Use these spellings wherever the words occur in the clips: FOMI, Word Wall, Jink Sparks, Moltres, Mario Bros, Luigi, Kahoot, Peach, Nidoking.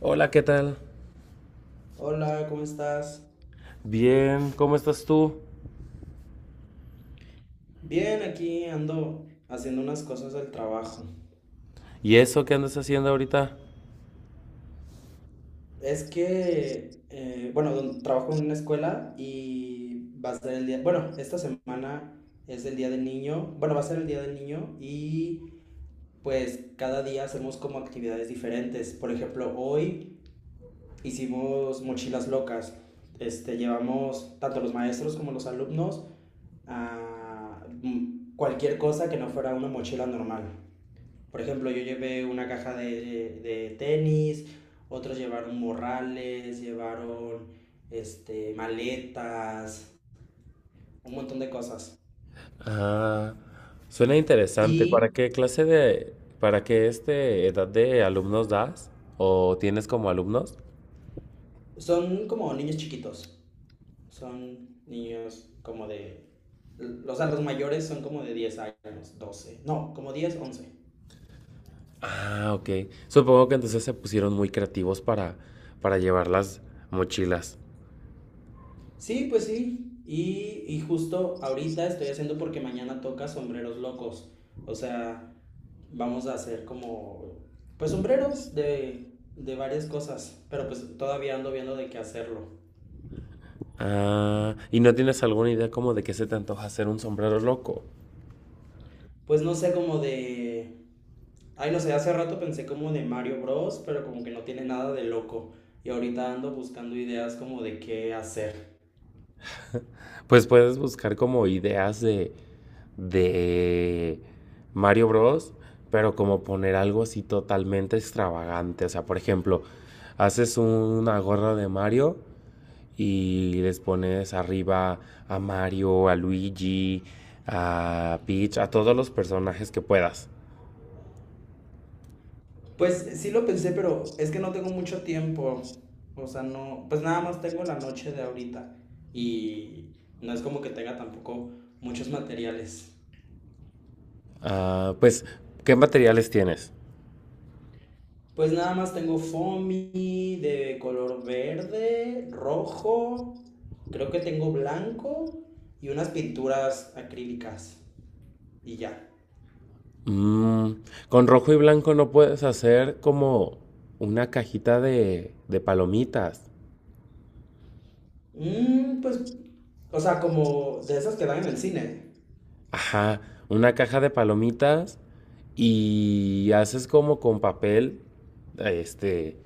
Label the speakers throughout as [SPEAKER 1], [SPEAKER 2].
[SPEAKER 1] Hola, ¿qué tal?
[SPEAKER 2] Hola, ¿cómo estás?
[SPEAKER 1] Bien, ¿cómo estás tú?
[SPEAKER 2] Bien, aquí ando haciendo unas cosas del trabajo.
[SPEAKER 1] ¿Y eso qué andas haciendo ahorita?
[SPEAKER 2] Es que, bueno, trabajo en una escuela y va a ser el día, bueno, esta semana es el día del niño, bueno, va a ser el día del niño y pues cada día hacemos como actividades diferentes. Por ejemplo, hoy hicimos mochilas locas. Este, llevamos tanto los maestros como los alumnos a cualquier cosa que no fuera una mochila normal. Por ejemplo, yo llevé una caja de tenis, otros llevaron morrales, llevaron este, maletas, un montón de cosas.
[SPEAKER 1] Ah, suena interesante. ¿Para
[SPEAKER 2] Y
[SPEAKER 1] qué clase para qué edad de alumnos das? ¿O tienes como alumnos?
[SPEAKER 2] son como niños chiquitos, son niños como de... O sea, los mayores son como de 10 años, 12 no, como 10 once.
[SPEAKER 1] Ah, ok. Supongo que entonces se pusieron muy creativos para llevar las mochilas.
[SPEAKER 2] Sí, pues sí. Y justo ahorita estoy haciendo porque mañana toca sombreros locos. O sea, vamos a hacer como, pues sombreros de varias cosas. Pero pues todavía ando viendo de qué hacerlo.
[SPEAKER 1] Ah, ¿y no tienes alguna idea como de qué se te antoja hacer un sombrero loco?
[SPEAKER 2] Pues no sé, como de... Ay, no sé, hace rato pensé como de Mario Bros, pero como que no tiene nada de loco. Y ahorita ando buscando ideas como de qué hacer.
[SPEAKER 1] Pues puedes buscar como ideas de Mario Bros, pero como poner algo así totalmente extravagante. O sea, por ejemplo, haces una gorra de Mario y les pones arriba a Mario, a Luigi, a Peach, a todos los personajes que puedas.
[SPEAKER 2] Pues sí lo pensé, pero es que no tengo mucho tiempo. O sea, no, pues nada más tengo la noche de ahorita y no es como que tenga tampoco muchos materiales.
[SPEAKER 1] Ah, pues, ¿qué materiales tienes?
[SPEAKER 2] Pues nada más tengo foamy de color verde, rojo, creo que tengo blanco y unas pinturas acrílicas y ya.
[SPEAKER 1] Mm, con rojo y blanco no puedes hacer como una cajita de palomitas.
[SPEAKER 2] Mm, pues, o sea, como de esas que dan en el cine.
[SPEAKER 1] Ajá, una caja de palomitas y haces como con papel, este,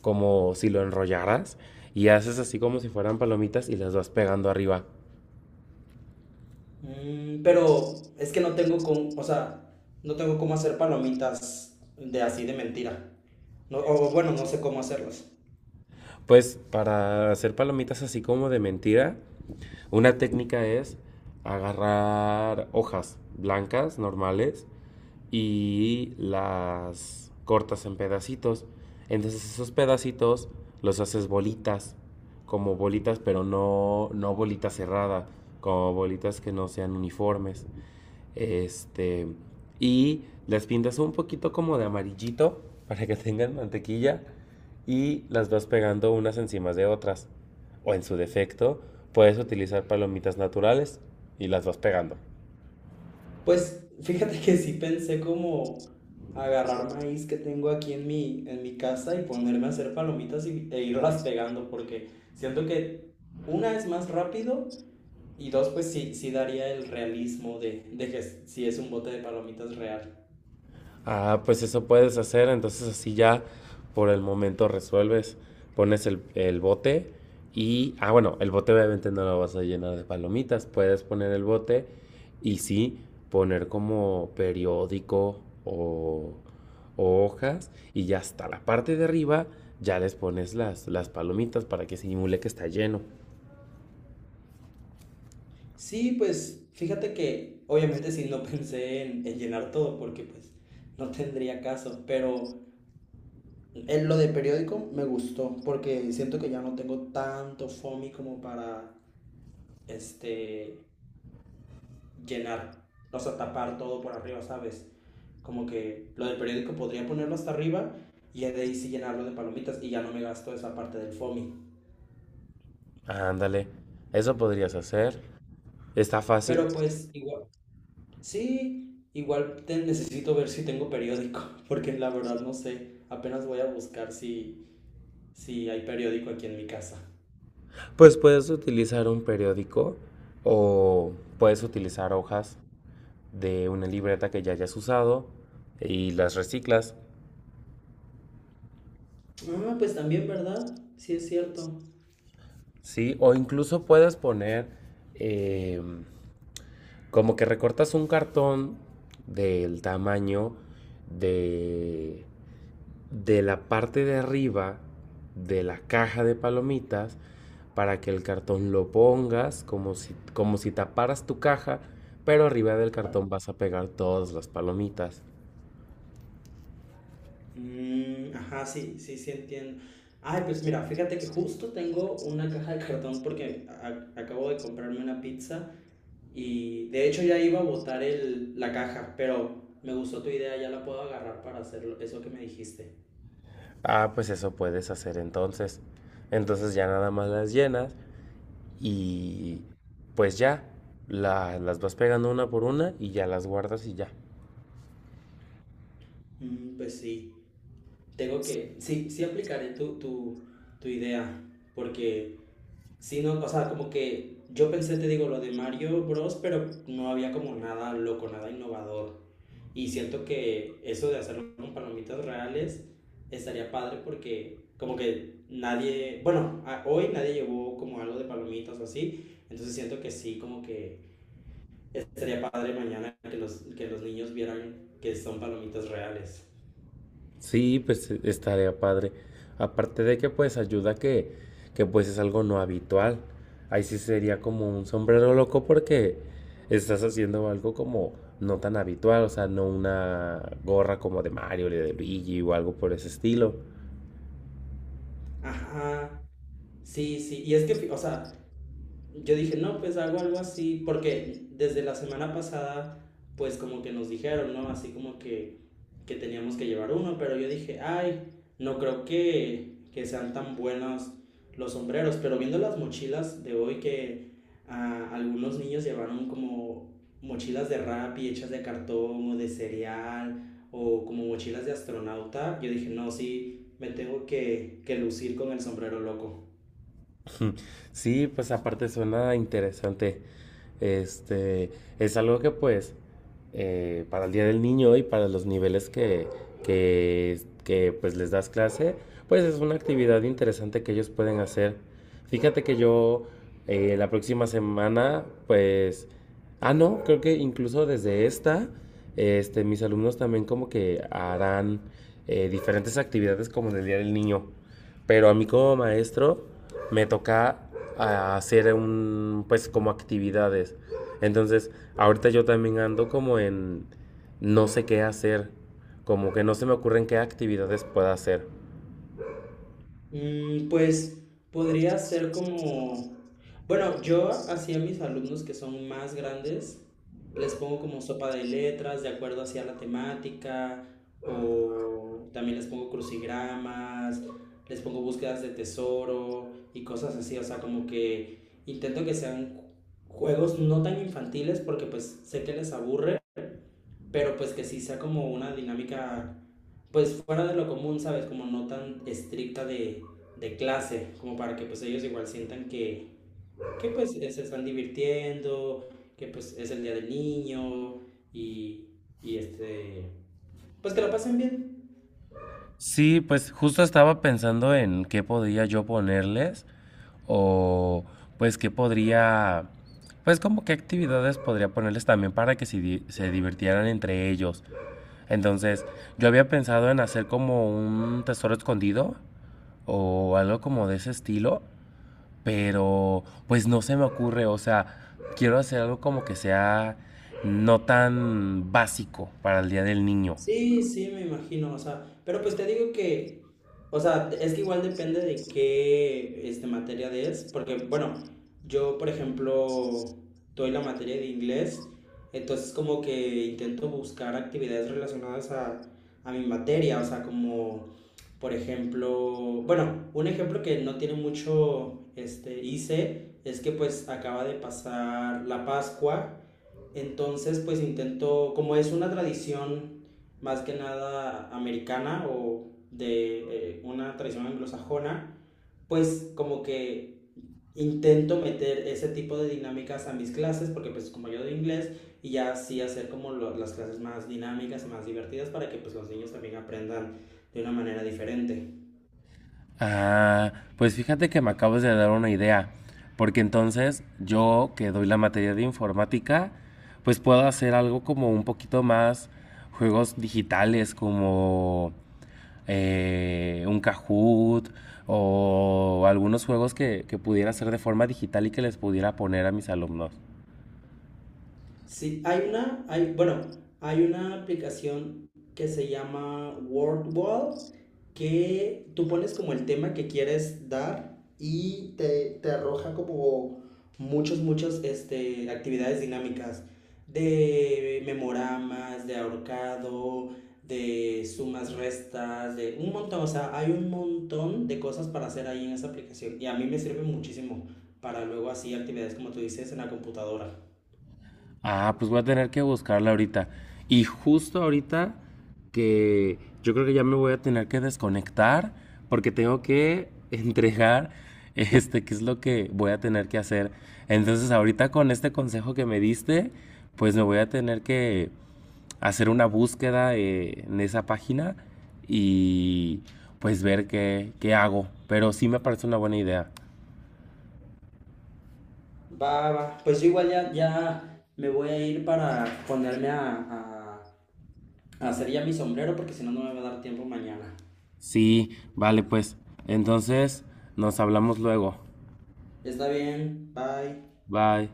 [SPEAKER 1] como si lo enrollaras y haces así como si fueran palomitas y las vas pegando arriba.
[SPEAKER 2] Mm, pero es que no tengo con, o sea, no tengo cómo hacer palomitas de así de mentira. No, o bueno, no sé cómo hacerlas.
[SPEAKER 1] Pues para hacer palomitas así como de mentira, una técnica es agarrar hojas blancas normales y las cortas en pedacitos. Entonces esos pedacitos los haces bolitas, como bolitas, pero no bolita cerrada, como bolitas que no sean uniformes. Este, y las pintas un poquito como de amarillito para que tengan mantequilla y las vas pegando unas encima de otras. O en su defecto, puedes utilizar palomitas naturales y las vas pegando.
[SPEAKER 2] Pues fíjate que sí pensé como agarrar maíz que tengo aquí en mi casa y ponerme a hacer palomitas y, e irlas pegando, porque siento que una es más rápido y dos, pues sí, sí daría el realismo de que si es un bote de palomitas real.
[SPEAKER 1] Ah, pues eso puedes hacer, entonces así ya por el momento resuelves, pones el bote y, ah, bueno, el bote obviamente no lo vas a llenar de palomitas, puedes poner el bote y sí, poner como periódico o hojas y ya hasta la parte de arriba ya les pones las palomitas para que simule que está lleno.
[SPEAKER 2] Sí, pues fíjate que obviamente sí no pensé en llenar todo porque pues no tendría caso, pero en lo de periódico me gustó porque siento que ya no tengo tanto FOMI como para este llenar, o sea, tapar todo por arriba, ¿sabes? Como que lo del periódico podría ponerlo hasta arriba y de ahí sí llenarlo de palomitas y ya no me gasto esa parte del FOMI.
[SPEAKER 1] Ándale, eso podrías hacer, está fácil.
[SPEAKER 2] Pero pues igual. Sí, igual te necesito ver si tengo periódico, porque la verdad no sé. Apenas voy a buscar si, si hay periódico aquí en mi casa.
[SPEAKER 1] Pues puedes utilizar un periódico o puedes utilizar hojas de una libreta que ya hayas usado y las reciclas,
[SPEAKER 2] Ah, pues también, ¿verdad? Sí, es cierto.
[SPEAKER 1] ¿sí? O incluso puedes poner eh, como que recortas un cartón del tamaño de de la parte de arriba de la caja de palomitas para que el cartón lo pongas como si taparas tu caja, pero arriba del cartón vas a pegar todas las palomitas.
[SPEAKER 2] Mm, ajá, sí, sí, sí entiendo. Ay, pues mira, fíjate que justo tengo una caja de cartón porque acabo de comprarme una pizza y de hecho ya iba a botar el, la caja, pero me gustó tu idea, ya la puedo agarrar para hacer eso que me dijiste.
[SPEAKER 1] Ah, pues eso puedes hacer entonces. Entonces ya nada más las llenas y pues ya las vas pegando una por una y ya las guardas y ya.
[SPEAKER 2] Mm, pues sí. Tengo que, sí, sí aplicaré tu idea, porque si no, o sea, como que yo pensé, te digo, lo de Mario Bros, pero no había como nada loco, nada innovador. Y siento que eso de hacerlo con palomitas reales estaría padre porque como que nadie, bueno, hoy nadie llevó como algo de palomitas o así, entonces siento que sí, como que estaría padre mañana que los niños vieran que son palomitas reales.
[SPEAKER 1] Sí, pues estaría padre. Aparte de que pues ayuda que pues es algo no habitual. Ahí sí sería como un sombrero loco porque estás haciendo algo como no tan habitual, o sea, no una gorra como de Mario o de Luigi o algo por ese estilo.
[SPEAKER 2] Ajá, sí, sí, y es que, o sea, yo dije, no, pues hago algo así, porque desde la semana pasada, pues como que nos dijeron, ¿no? Así como que teníamos que llevar uno, pero yo dije, ay, no creo que sean tan buenos los sombreros, pero viendo las mochilas de hoy que ah, algunos niños llevaron como mochilas de rap y hechas de cartón o de cereal o como mochilas de astronauta, yo dije, no, sí, me tengo que lucir con el sombrero loco.
[SPEAKER 1] Sí, pues aparte suena interesante. Este, es algo que pues para el Día del Niño y para los niveles que, pues les das clase, pues es una actividad interesante que ellos pueden hacer. Fíjate que yo la próxima semana, pues, ah, no, creo que incluso desde esta, mis alumnos también como que harán diferentes actividades como en el Día del Niño. Pero a mí como maestro me toca hacer un, pues como actividades. Entonces, ahorita yo también ando como en no sé qué hacer, como que no se me ocurren qué actividades pueda hacer.
[SPEAKER 2] Mm, pues podría ser como, bueno, yo hacía a mis alumnos que son más grandes, les pongo como sopa de letras de acuerdo hacia la temática, o también les pongo crucigramas, les pongo búsquedas de tesoro y cosas así, o sea, como que intento que sean juegos no tan infantiles porque pues sé que les aburre, pero pues que sí sea como una dinámica, pues fuera de lo común, ¿sabes? Como no tan estricta de clase, como para que pues ellos igual sientan que pues se están divirtiendo, que pues es el día del niño y, y este, pues que lo pasen bien.
[SPEAKER 1] Sí, pues justo estaba pensando en qué podría yo ponerles o pues qué podría, pues como qué actividades podría ponerles también para que se, se divirtieran entre ellos. Entonces, yo había pensado en hacer como un tesoro escondido, o algo como de ese estilo, pero pues no se me ocurre, o sea, quiero hacer algo como que sea no tan básico para el Día del Niño.
[SPEAKER 2] Sí, sí, me imagino, o sea, pero pues te digo que, o sea, es que igual depende de qué este, materia es, porque, bueno, yo, por ejemplo, doy la materia de inglés, entonces como que intento buscar actividades relacionadas a mi materia, o sea, como, por ejemplo, bueno, un ejemplo que no tiene mucho, este, hice, es que pues acaba de pasar la Pascua, entonces, pues intento, como es una tradición más que nada americana o de una tradición anglosajona, pues como que intento meter ese tipo de dinámicas a mis clases, porque pues como yo de inglés, y ya así hacer como las clases más dinámicas, más divertidas, para que pues los niños también aprendan de una manera diferente.
[SPEAKER 1] Ah, pues fíjate que me acabas de dar una idea, porque entonces yo que doy la materia de informática, pues puedo hacer algo como un poquito más juegos digitales, como un Kahoot o algunos juegos que pudiera hacer de forma digital y que les pudiera poner a mis alumnos.
[SPEAKER 2] Sí, hay una, hay, bueno, hay una aplicación que se llama Word Wall que tú pones como el tema que quieres dar y te arroja como muchos muchos este, actividades dinámicas de memoramas, de ahorcado, de sumas, restas, de un montón, o sea, hay un montón de cosas para hacer ahí en esa aplicación y a mí me sirve muchísimo para luego así actividades como tú dices en la computadora.
[SPEAKER 1] Ah, pues voy a tener que buscarla ahorita. Y justo ahorita que yo creo que ya me voy a tener que desconectar porque tengo que entregar qué es lo que voy a tener que hacer. Entonces, ahorita con este consejo que me diste, pues me voy a tener que hacer una búsqueda en esa página y pues ver qué hago. Pero sí me parece una buena idea.
[SPEAKER 2] Va, va. Pues yo igual ya, ya me voy a ir para ponerme a, a hacer ya mi sombrero porque si no, no me va a dar tiempo mañana.
[SPEAKER 1] Sí, vale, pues. Entonces, nos hablamos luego.
[SPEAKER 2] Está bien, bye.
[SPEAKER 1] Bye.